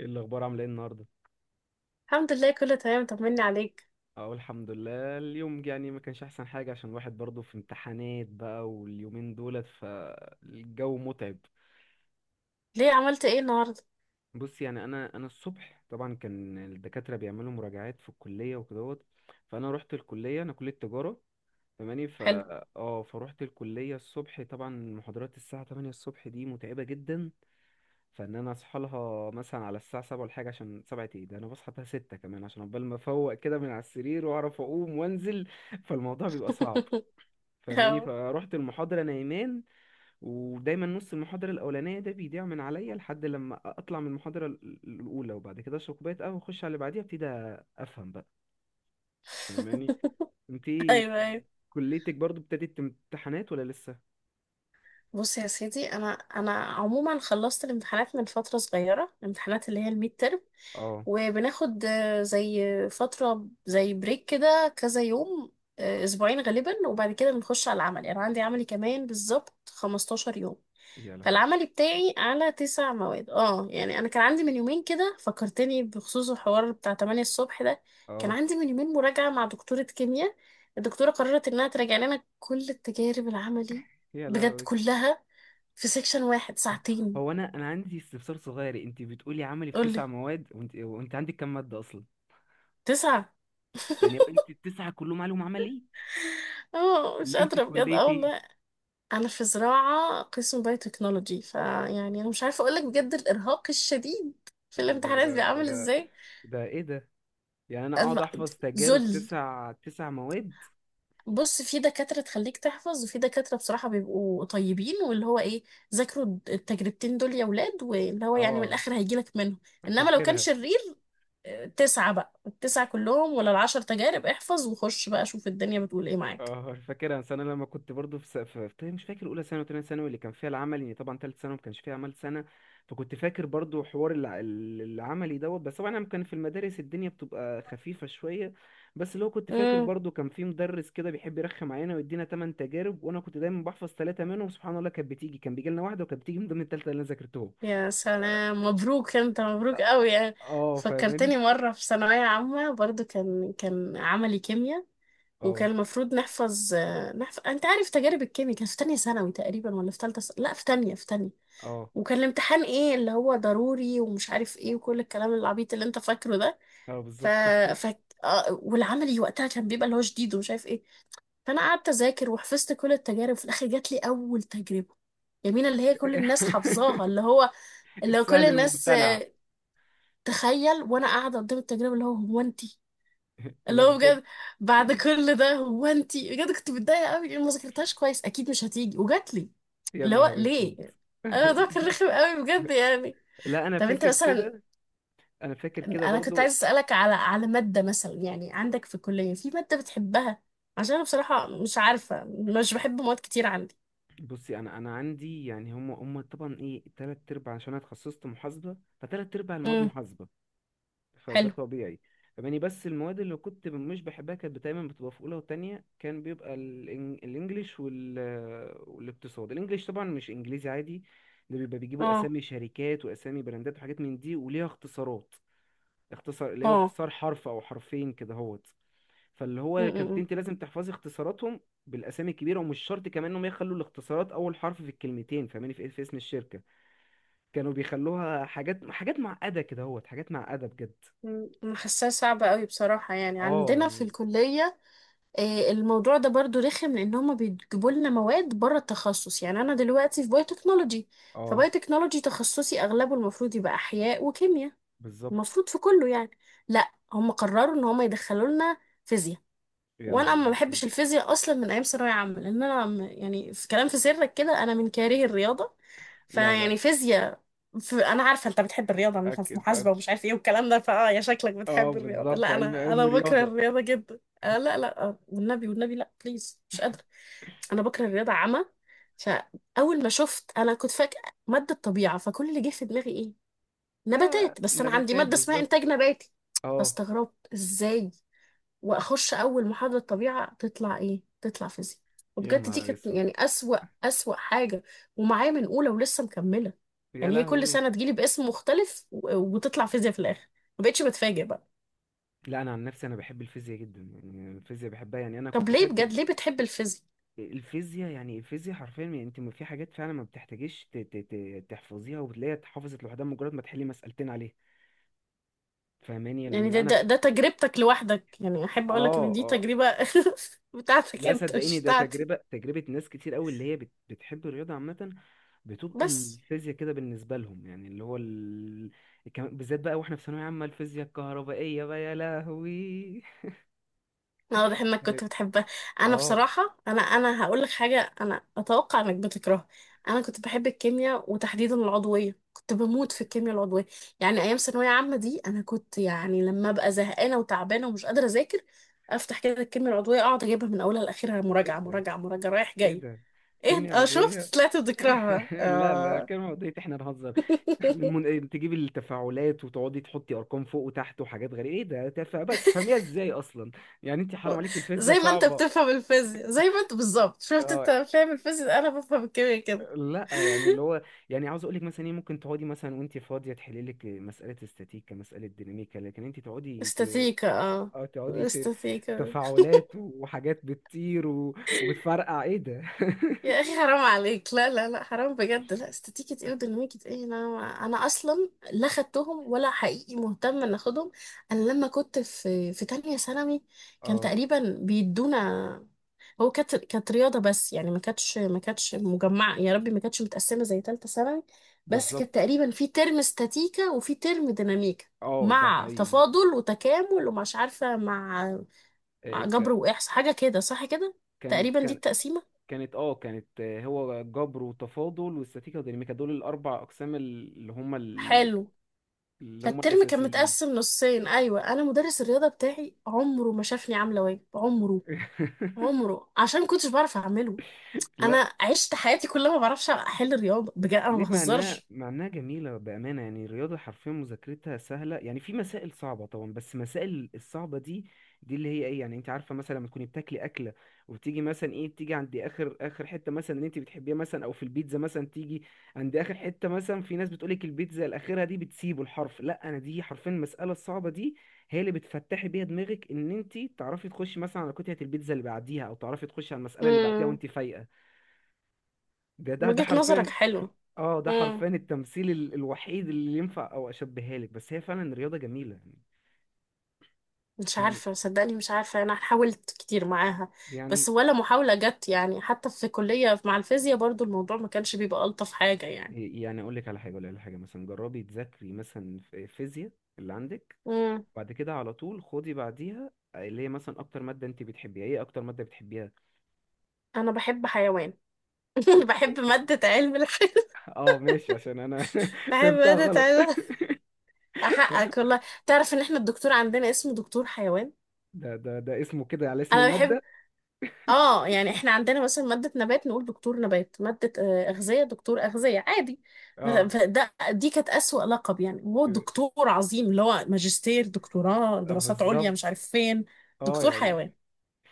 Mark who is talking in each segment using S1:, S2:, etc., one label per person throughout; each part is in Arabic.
S1: ايه الاخبار، عامله ايه النهارده؟
S2: الحمد لله، كله تمام، طمني عليك.
S1: اقول الحمد لله اليوم، يعني ما كانش احسن حاجه عشان الواحد برضه في امتحانات بقى، واليومين دولت فالجو متعب.
S2: ليه؟ عملت ايه النهارده؟
S1: بص، يعني انا الصبح طبعا كان الدكاتره بيعملوا مراجعات في الكليه وكدهوت. فانا رحت الكليه، انا كليه تجاره. فاهماني؟
S2: حلو.
S1: اه فروحت الكليه الصبح. طبعا محاضرات الساعه 8 الصبح دي متعبه جدا. انا اصحى لها مثلا على الساعه 7 ولا حاجه، عشان 7 ايه ده؟ انا بصحى بقى 6 كمان عشان عقبال ما افوق كده من على السرير واعرف اقوم وانزل. فالموضوع بيبقى صعب.
S2: أهو.
S1: فروحت المحاضره نايمان. ودايما نص المحاضره الاولانيه ده بيضيع من عليا لحد لما اطلع من المحاضره الاولى، وبعد كده اشرب كوبايه قهوه واخش على اللي بعديها ابتدي افهم بقى. فاهماني؟ انتي
S2: ايوه ايوه.
S1: كليتك برضو ابتدت امتحانات ولا لسه؟
S2: بص يا سيدي، انا عموما خلصت الامتحانات من فتره صغيره، الامتحانات اللي هي الميد ترم،
S1: اه.
S2: وبناخد زي فترة زي بريك كده كذا يوم، أسبوعين غالبا، وبعد كده بنخش على العمل. يعني عندي عملي كمان بالظبط 15 يوم.
S1: يا لهوي.
S2: فالعملي بتاعي على تسع مواد. اه يعني أنا كان عندي من يومين كده فكرتني بخصوص الحوار بتاع 8 الصبح ده. كان
S1: اه.
S2: عندي من يومين مراجعة مع دكتورة كيمياء. الدكتورة قررت إنها تراجع لنا كل التجارب العملي،
S1: يا
S2: بجد
S1: لهوي.
S2: كلها، في سيكشن واحد ساعتين.
S1: هو انا عندي استفسار صغير، انت بتقولي عملي في
S2: قولي.
S1: تسع مواد، وانت عندك كام ماده اصلا؟
S2: تسعة.
S1: يعني هو انت التسعه كلهم علوم عملي؟
S2: اه مش
S1: اللي انت
S2: قادرة بجد،
S1: كليه
S2: اه
S1: ايه؟
S2: والله. أنا في زراعة، قسم بايوتكنولوجي. فيعني أنا مش عارفة أقولك بجد الإرهاق الشديد في
S1: ده
S2: الامتحانات
S1: ده
S2: بيبقى عامل
S1: ده
S2: إزاي.
S1: ده ايه ده؟ يعني انا اقعد
S2: الم-
S1: احفظ تجارب
S2: ذل
S1: تسع مواد؟
S2: بص، في دكاترة تخليك تحفظ، وفي دكاترة بصراحة بيبقوا طيبين واللي هو إيه، ذاكروا التجربتين دول يا ولاد، واللي هو يعني من
S1: اه،
S2: الآخر هيجيلك منهم. إنما لو كان
S1: فاكرها.
S2: شرير، تسعة بقى، التسعة كلهم ولا العشر تجارب، احفظ وخش بقى شوف الدنيا بتقول إيه معاك.
S1: اه، فاكرها. بس انا لما كنت برضو في, س... في... في... مش فاكر اولى ثانوي وثانيه ثانوي اللي كان فيها العمل، يعني طبعا ثالث ثانوي ما كانش فيها عمل سنه. فكنت فاكر برضو حوار العملي دوت، بس طبعا انا كان في المدارس الدنيا بتبقى خفيفه شويه. بس اللي هو كنت فاكر برضو، كان في مدرس كده بيحب يرخم علينا ويدينا ثمان تجارب، وانا كنت دايما بحفظ ثلاثه منهم. سبحان الله كانت بتيجي، كان بيجي لنا واحده وكانت بتيجي من ضمن الثالثه اللي انا ذاكرتهم.
S2: يا
S1: اه.
S2: سلام مبروك، انت مبروك
S1: آه،
S2: قوي يعني. فكرتني
S1: فاهماني.
S2: مرة في ثانوية عامة، برضو كان عملي كيمياء،
S1: اه.
S2: وكان المفروض نحفظ، نحفظ انت عارف تجارب الكيمياء، كان في تانية ثانوي تقريبا ولا في تالتة لا في تانية، في تانية.
S1: اه.
S2: وكان الامتحان ايه اللي هو ضروري ومش عارف ايه، وكل الكلام العبيط اللي انت فاكره ده.
S1: اه،
S2: ف...
S1: بالظبط.
S2: ف... والعملي وقتها كان بيبقى اللي هو شديد ومش عارف ايه. فانا قعدت اذاكر وحفظت كل التجارب، في الاخر جات لي اول تجربة، يمين، اللي هي كل الناس حافظاها، اللي هو اللي هو كل
S1: السهل
S2: الناس
S1: الممتنع.
S2: تخيل. وانا قاعده قدام التجربه، اللي هو هو انتي
S1: لا،
S2: اللي هو
S1: بجد.
S2: بجد، بعد كل ده هو انتي بجد كنت متضايقه قوي، لأن ما ذاكرتهاش كويس اكيد مش هتيجي، وجات لي.
S1: يا
S2: اللي هو
S1: نهار اسود.
S2: ليه؟ انا الموضوع كان رخم قوي بجد يعني.
S1: لا انا
S2: طب انت
S1: فاكر
S2: مثلا،
S1: كده. انا فاكر كده
S2: انا كنت عايز
S1: برضو.
S2: اسالك على ماده، مثلا يعني عندك في الكليه في ماده بتحبها؟ عشان انا بصراحه مش عارفه، مش بحب مواد كتير عندي.
S1: بصي، انا عندي يعني هم طبعا ايه تلات ارباع، عشان انا اتخصصت محاسبه، فتلات ارباع المواد
S2: امم.
S1: محاسبه. فده
S2: حلو.
S1: طبيعي. يعني بس المواد اللي كنت مش بحبها كانت دايما بتبقى في اولى وتانية، كان بيبقى الانجليش والاقتصاد. الانجليش طبعا مش انجليزي عادي، ده بيبقى بيجيبوا
S2: اه
S1: اسامي شركات واسامي براندات وحاجات من دي وليها اختصارات. اختصار، اللي هو
S2: اه.
S1: اختصار حرف او حرفين كده هو. فاللي هو كانت
S2: امم.
S1: انت لازم تحفظي اختصاراتهم بالاسامي الكبيره، ومش شرط كمان انهم يخلوا الاختصارات اول حرف في الكلمتين، فاهماني في إيه؟ في اسم الشركه. كانوا بيخلوها حاجات معقده كده اهوت، حاجات معقده بجد.
S2: انا حاساها صعبه قوي بصراحه. يعني
S1: اه،
S2: عندنا في
S1: يعني.
S2: الكليه الموضوع ده برضو رخم، لان هما بيجيبوا لنا مواد بره التخصص. يعني انا دلوقتي في بايوتكنولوجي،
S1: اه،
S2: فبايوتكنولوجي تخصصي اغلبه المفروض يبقى احياء وكيمياء،
S1: بالظبط.
S2: المفروض في كله يعني. لا، هم قرروا ان هم يدخلوا لنا فيزياء.
S1: يا
S2: وانا
S1: نهار
S2: ما
S1: اسود.
S2: بحبش الفيزياء اصلا من ايام ثانويه عامه، لان انا يعني في كلام في سرك كده، انا من كاره الرياضه.
S1: لا لا لا.
S2: فيعني فيزياء في، انا عارفه انت بتحب الرياضه، انت في
S1: اكيد
S2: محاسبه
S1: أك-
S2: ومش عارف ايه والكلام ده، فاه يا شكلك
S1: اه،
S2: بتحب الرياضه،
S1: بالظبط.
S2: لا
S1: علم
S2: انا
S1: علم
S2: انا بكره
S1: رياضة.
S2: الرياضه جدا، آه لا لا، آه والنبي، والنبي لا، بليز مش قادره. انا بكره الرياضه عامه. فاول ما شفت، انا كنت فاكره ماده طبيعه، فكل اللي جه في دماغي ايه،
S1: آه
S2: نباتات، بس انا عندي
S1: نباتات
S2: ماده اسمها انتاج
S1: بالظبط.
S2: نباتي.
S1: اه.
S2: فاستغربت ازاي. واخش اول محاضره طبيعه تطلع ايه، تطلع فيزياء.
S1: يا
S2: وبجد دي
S1: نهار
S2: كانت
S1: اسود.
S2: يعني اسوأ، اسوأ حاجه. ومعايا من اولى ولسه مكمله،
S1: يا
S2: يعني هي كل
S1: لهوي.
S2: سنه تجيلي باسم مختلف وتطلع فيزياء في الاخر، ما بقتش بتفاجئ بقى.
S1: لا، انا عن نفسي انا بحب الفيزياء جدا، يعني الفيزياء بحبها، يعني انا
S2: طب
S1: كنت
S2: ليه
S1: احب
S2: بجد ليه بتحب الفيزياء؟
S1: الفيزياء. يعني الفيزياء حرفيا، يعني انت في حاجات فعلا ما بتحتاجيش تحفظيها، وبتلاقيها اتحفظت لوحدها مجرد ما تحلي مسألتين عليها. فاهماني؟ يعني
S2: يعني
S1: لو
S2: ده
S1: انا
S2: ده, ده تجربتك لوحدك، يعني احب اقولك ان
S1: اه،
S2: دي
S1: اه.
S2: تجربه، بتاعتك
S1: لا
S2: انت
S1: صدقيني،
S2: مش
S1: ده
S2: بتاعتي.
S1: تجربة ناس كتير قوي اللي هي بتحب الرياضة عامة. بتبقى
S2: بس
S1: الفيزياء كده بالنسبة لهم، يعني اللي هو بالذات بقى واحنا في ثانوية عامة الفيزياء الكهربائية بقى يا لهوي.
S2: لا، واضح انك
S1: كانت-
S2: كنت بتحبها. انا
S1: اه.
S2: بصراحه، انا هقول لك حاجه، انا اتوقع انك بتكرهها. انا كنت بحب الكيمياء وتحديدا العضويه، كنت بموت في الكيمياء العضويه. يعني ايام ثانويه عامه دي انا كنت يعني لما ابقى زهقانه وتعبانه ومش قادره اذاكر، افتح كده الكيمياء العضويه، اقعد اجيبها من اولها لاخرها،
S1: ايه
S2: مراجعه
S1: ده؟
S2: مراجعه مراجعه، رايح
S1: ايه
S2: جاي.
S1: ده؟
S2: ايه؟
S1: كيمياء
S2: اه شفت،
S1: عضوية.
S2: طلعت بتكرهها
S1: لا لا،
S2: آه.
S1: كيمياء عضوية احنا نهزر؟ تجيبي التفاعلات وتقعدي تحطي ارقام فوق وتحت وحاجات غريبه ايه ده، بقى تفهميها ازاي اصلا؟ يعني انت حرام عليك، الفيزياء
S2: زي ما انت
S1: صعبه.
S2: بتفهم الفيزياء، زي ما انت بالظبط، شفت
S1: آه،
S2: انت فاهم الفيزياء، انا بفهم الكيمياء كده.
S1: لا. يعني اللي هو، يعني عاوز اقول لك مثلا ايه، ممكن تقعدي مثلا وانت فاضيه تحلي لك مساله استاتيكا، مساله ديناميكا، لكن انت
S2: استاتيكا، اه.
S1: آه، تقعدي ت...
S2: استاتيكا.
S1: تفاعلات وحاجات بتطير وبتفرقع ايه ده.
S2: يا اخي حرام عليك، لا لا لا، حرام بجد، لا استاتيكا ايه وديناميكا ايه؟ انا، انا اصلا لا خدتهم ولا حقيقي مهتم ان اخدهم. انا لما كنت في تانية ثانوي، كان
S1: اه،
S2: تقريبا بيدونا، هو كانت رياضة بس، يعني ما كانتش مجمعة، يا ربي، ما كانتش متقسمة زي تالتة ثانوي، بس كانت
S1: بالظبط.
S2: تقريبا في ترم استاتيكا وفي ترم ديناميكا،
S1: اه، ده
S2: مع
S1: حقيقي.
S2: تفاضل وتكامل ومش عارفة مع، مع
S1: إيه،
S2: جبر
S1: ك-
S2: وإحصاء، حاجة كده صح كده،
S1: كان
S2: تقريبا دي
S1: كان
S2: التقسيمة.
S1: كانت، كانت هو جبر وتفاضل واستاتيكا وديناميكا، دول الاربع اقسام اللي هم
S2: حلو.
S1: اللي هم
S2: فالترم كان
S1: الاساسيين.
S2: متقسم نصين. أيوة، أنا مدرس الرياضة بتاعي عمره ما شافني عاملة واجب، عمره، عمره، عشان ما كنتش بعرف أعمله.
S1: لا.
S2: أنا عشت حياتي كلها ما بعرفش أحل الرياضة، بجد أنا ما
S1: ليه؟ معناه
S2: بهزرش.
S1: معناه جميلة بأمانة، يعني الرياضة حرفيا مذاكرتها سهلة، يعني في مسائل صعبة طبعا، بس مسائل الصعبة دي، دي اللي هي ايه، يعني انت عارفة مثلا لما تكوني بتاكلي أكلة، وبتيجي مثلا ايه، بتيجي عند آخر آخر حتة مثلا اللي انت بتحبيها، مثلا أو في البيتزا مثلا تيجي عند آخر حتة، مثلا في ناس بتقولك البيتزا الأخيرة دي بتسيبه الحرف، لا أنا دي حرفيا المسألة الصعبة دي هي اللي بتفتحي بيها دماغك، إن انت تعرفي تخشي مثلا على قطعة البيتزا اللي بعديها، أو تعرفي تخشي على المسألة اللي بعديها
S2: امم.
S1: وانت فايقة. ده ده ده
S2: وجهة نظرك
S1: حرفيا.
S2: حلوة.
S1: اه، ده
S2: امم.
S1: حرفيا التمثيل الوحيد اللي ينفع، او اشبهها لك، بس هي فعلا رياضه جميله
S2: مش
S1: يعني
S2: عارفة صدقني، مش عارفة، أنا حاولت كتير معاها، بس ولا محاولة جت، يعني حتى في كلية مع الفيزياء برضو الموضوع ما كانش بيبقى ألطف حاجة يعني.
S1: يعني اقول لك على حاجه، مثلا جربي تذاكري مثلا في فيزياء اللي عندك،
S2: امم.
S1: بعد كده على طول خدي بعديها اللي هي مثلا اكتر ماده انت بتحبيها. ايه اكتر ماده بتحبيها؟
S2: أنا بحب حيوان،
S1: ل-
S2: بحب مادة علم الحيوان.
S1: اه، ماشي، عشان انا
S2: بحب
S1: فهمتها
S2: مادة
S1: غلط.
S2: علم، أحقق والله، تعرف إن إحنا الدكتور عندنا اسمه دكتور حيوان؟
S1: ده ده ده اسمه كده على اسم
S2: أنا بحب،
S1: الماده.
S2: آه يعني إحنا عندنا مثلا مادة نبات نقول دكتور نبات، مادة أغذية دكتور أغذية، عادي.
S1: اه.
S2: فده دي كانت أسوأ لقب، يعني هو دكتور عظيم، اللي هو ماجستير دكتوراه
S1: آه،
S2: دراسات عليا مش
S1: بالظبط.
S2: عارف فين،
S1: اه،
S2: دكتور
S1: يعني
S2: حيوان،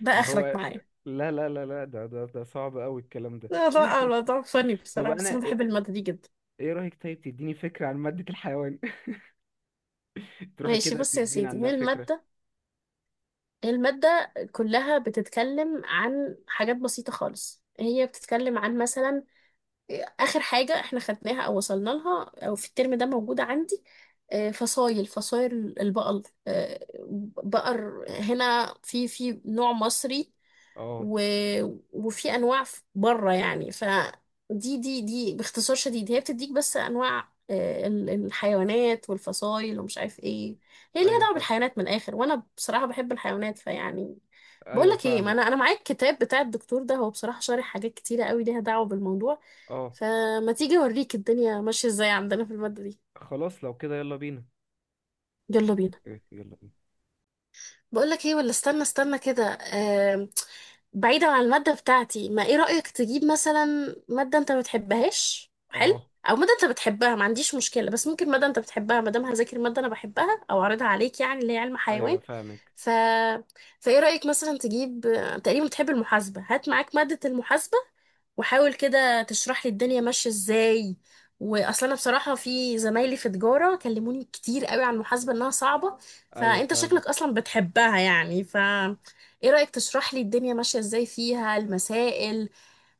S2: ده
S1: اللي
S2: آخرك
S1: هو.
S2: معايا.
S1: لا لا لا لا، ده ده ده صعب قوي الكلام ده.
S2: لا لا، الموضوع فني
S1: طب
S2: بصراحة، بس
S1: انا،
S2: أنا بحب المادة دي جدا.
S1: ايه رأيك طيب تديني فكرة عن مادة الحيوان؟ تروحي
S2: ماشي
S1: كده
S2: بص يا
S1: تديني
S2: سيدي،
S1: عندها
S2: هي
S1: فكرة.
S2: المادة، المادة كلها بتتكلم عن حاجات بسيطة خالص، هي بتتكلم عن مثلا آخر حاجة احنا خدناها أو وصلنا لها أو في الترم ده موجودة عندي، فصايل، فصايل البقر، بقر، هنا في نوع مصري،
S1: اه.
S2: و... وفي انواع بره يعني، فدي دي باختصار شديد، هي بتديك بس انواع الحيوانات والفصائل ومش عارف ايه، هي ليها
S1: ايوه
S2: دعوه
S1: فاهم.
S2: بالحيوانات من الاخر، وانا بصراحه بحب الحيوانات، فيعني. بقول
S1: ايوه
S2: لك ايه، ما
S1: فاهمك.
S2: انا معايا الكتاب بتاع الدكتور ده، هو بصراحه شارح حاجات كتيره قوي ليها دعوه بالموضوع،
S1: اه،
S2: فما تيجي اوريك الدنيا ماشيه ازاي عندنا في الماده دي.
S1: خلاص لو كده يلا بينا.
S2: يلا بينا.
S1: إيه، يلا بينا.
S2: بقول لك ايه، ولا استنى، كده، آم، بعيدا عن المادة بتاعتي، ما ايه رأيك تجيب مثلا مادة انت ما بتحبهاش، حلو،
S1: اه.
S2: او مادة انت بتحبها ما عنديش مشكلة، بس ممكن مادة انت بتحبها، ما دام هذاكر مادة انا بحبها او اعرضها عليك يعني، اللي هي علم
S1: ايوه
S2: حيوان،
S1: فاهمك.
S2: ف، فايه رأيك مثلا تجيب، تقريبا بتحب المحاسبة، هات معاك مادة المحاسبة، وحاول كده تشرح لي الدنيا ماشية ازاي، واصلا انا بصراحة في زمايلي في تجارة كلموني كتير قوي عن المحاسبة انها صعبة،
S1: ايوه
S2: فانت شكلك
S1: فاهمك.
S2: اصلا بتحبها يعني، ف ايه رأيك تشرح لي الدنيا ماشية ازاي فيها المسائل؟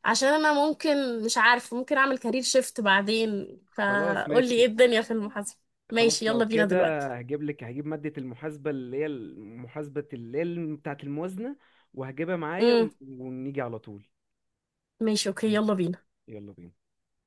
S2: عشان انا ممكن مش عارف ممكن اعمل كارير شيفت بعدين،
S1: خلاص
S2: فقول لي ايه
S1: ماشي.
S2: الدنيا في المحاسبة. ماشي،
S1: خلاص لو
S2: يلا بينا
S1: كده
S2: دلوقتي.
S1: هجيب لك، هجيب مادة المحاسبة اللي هي محاسبة اللي هي بتاعة الموازنة، وهجيبها معايا
S2: امم.
S1: ونيجي على طول.
S2: ماشي، اوكي، يلا
S1: ماشي.
S2: بينا.
S1: يلا بينا.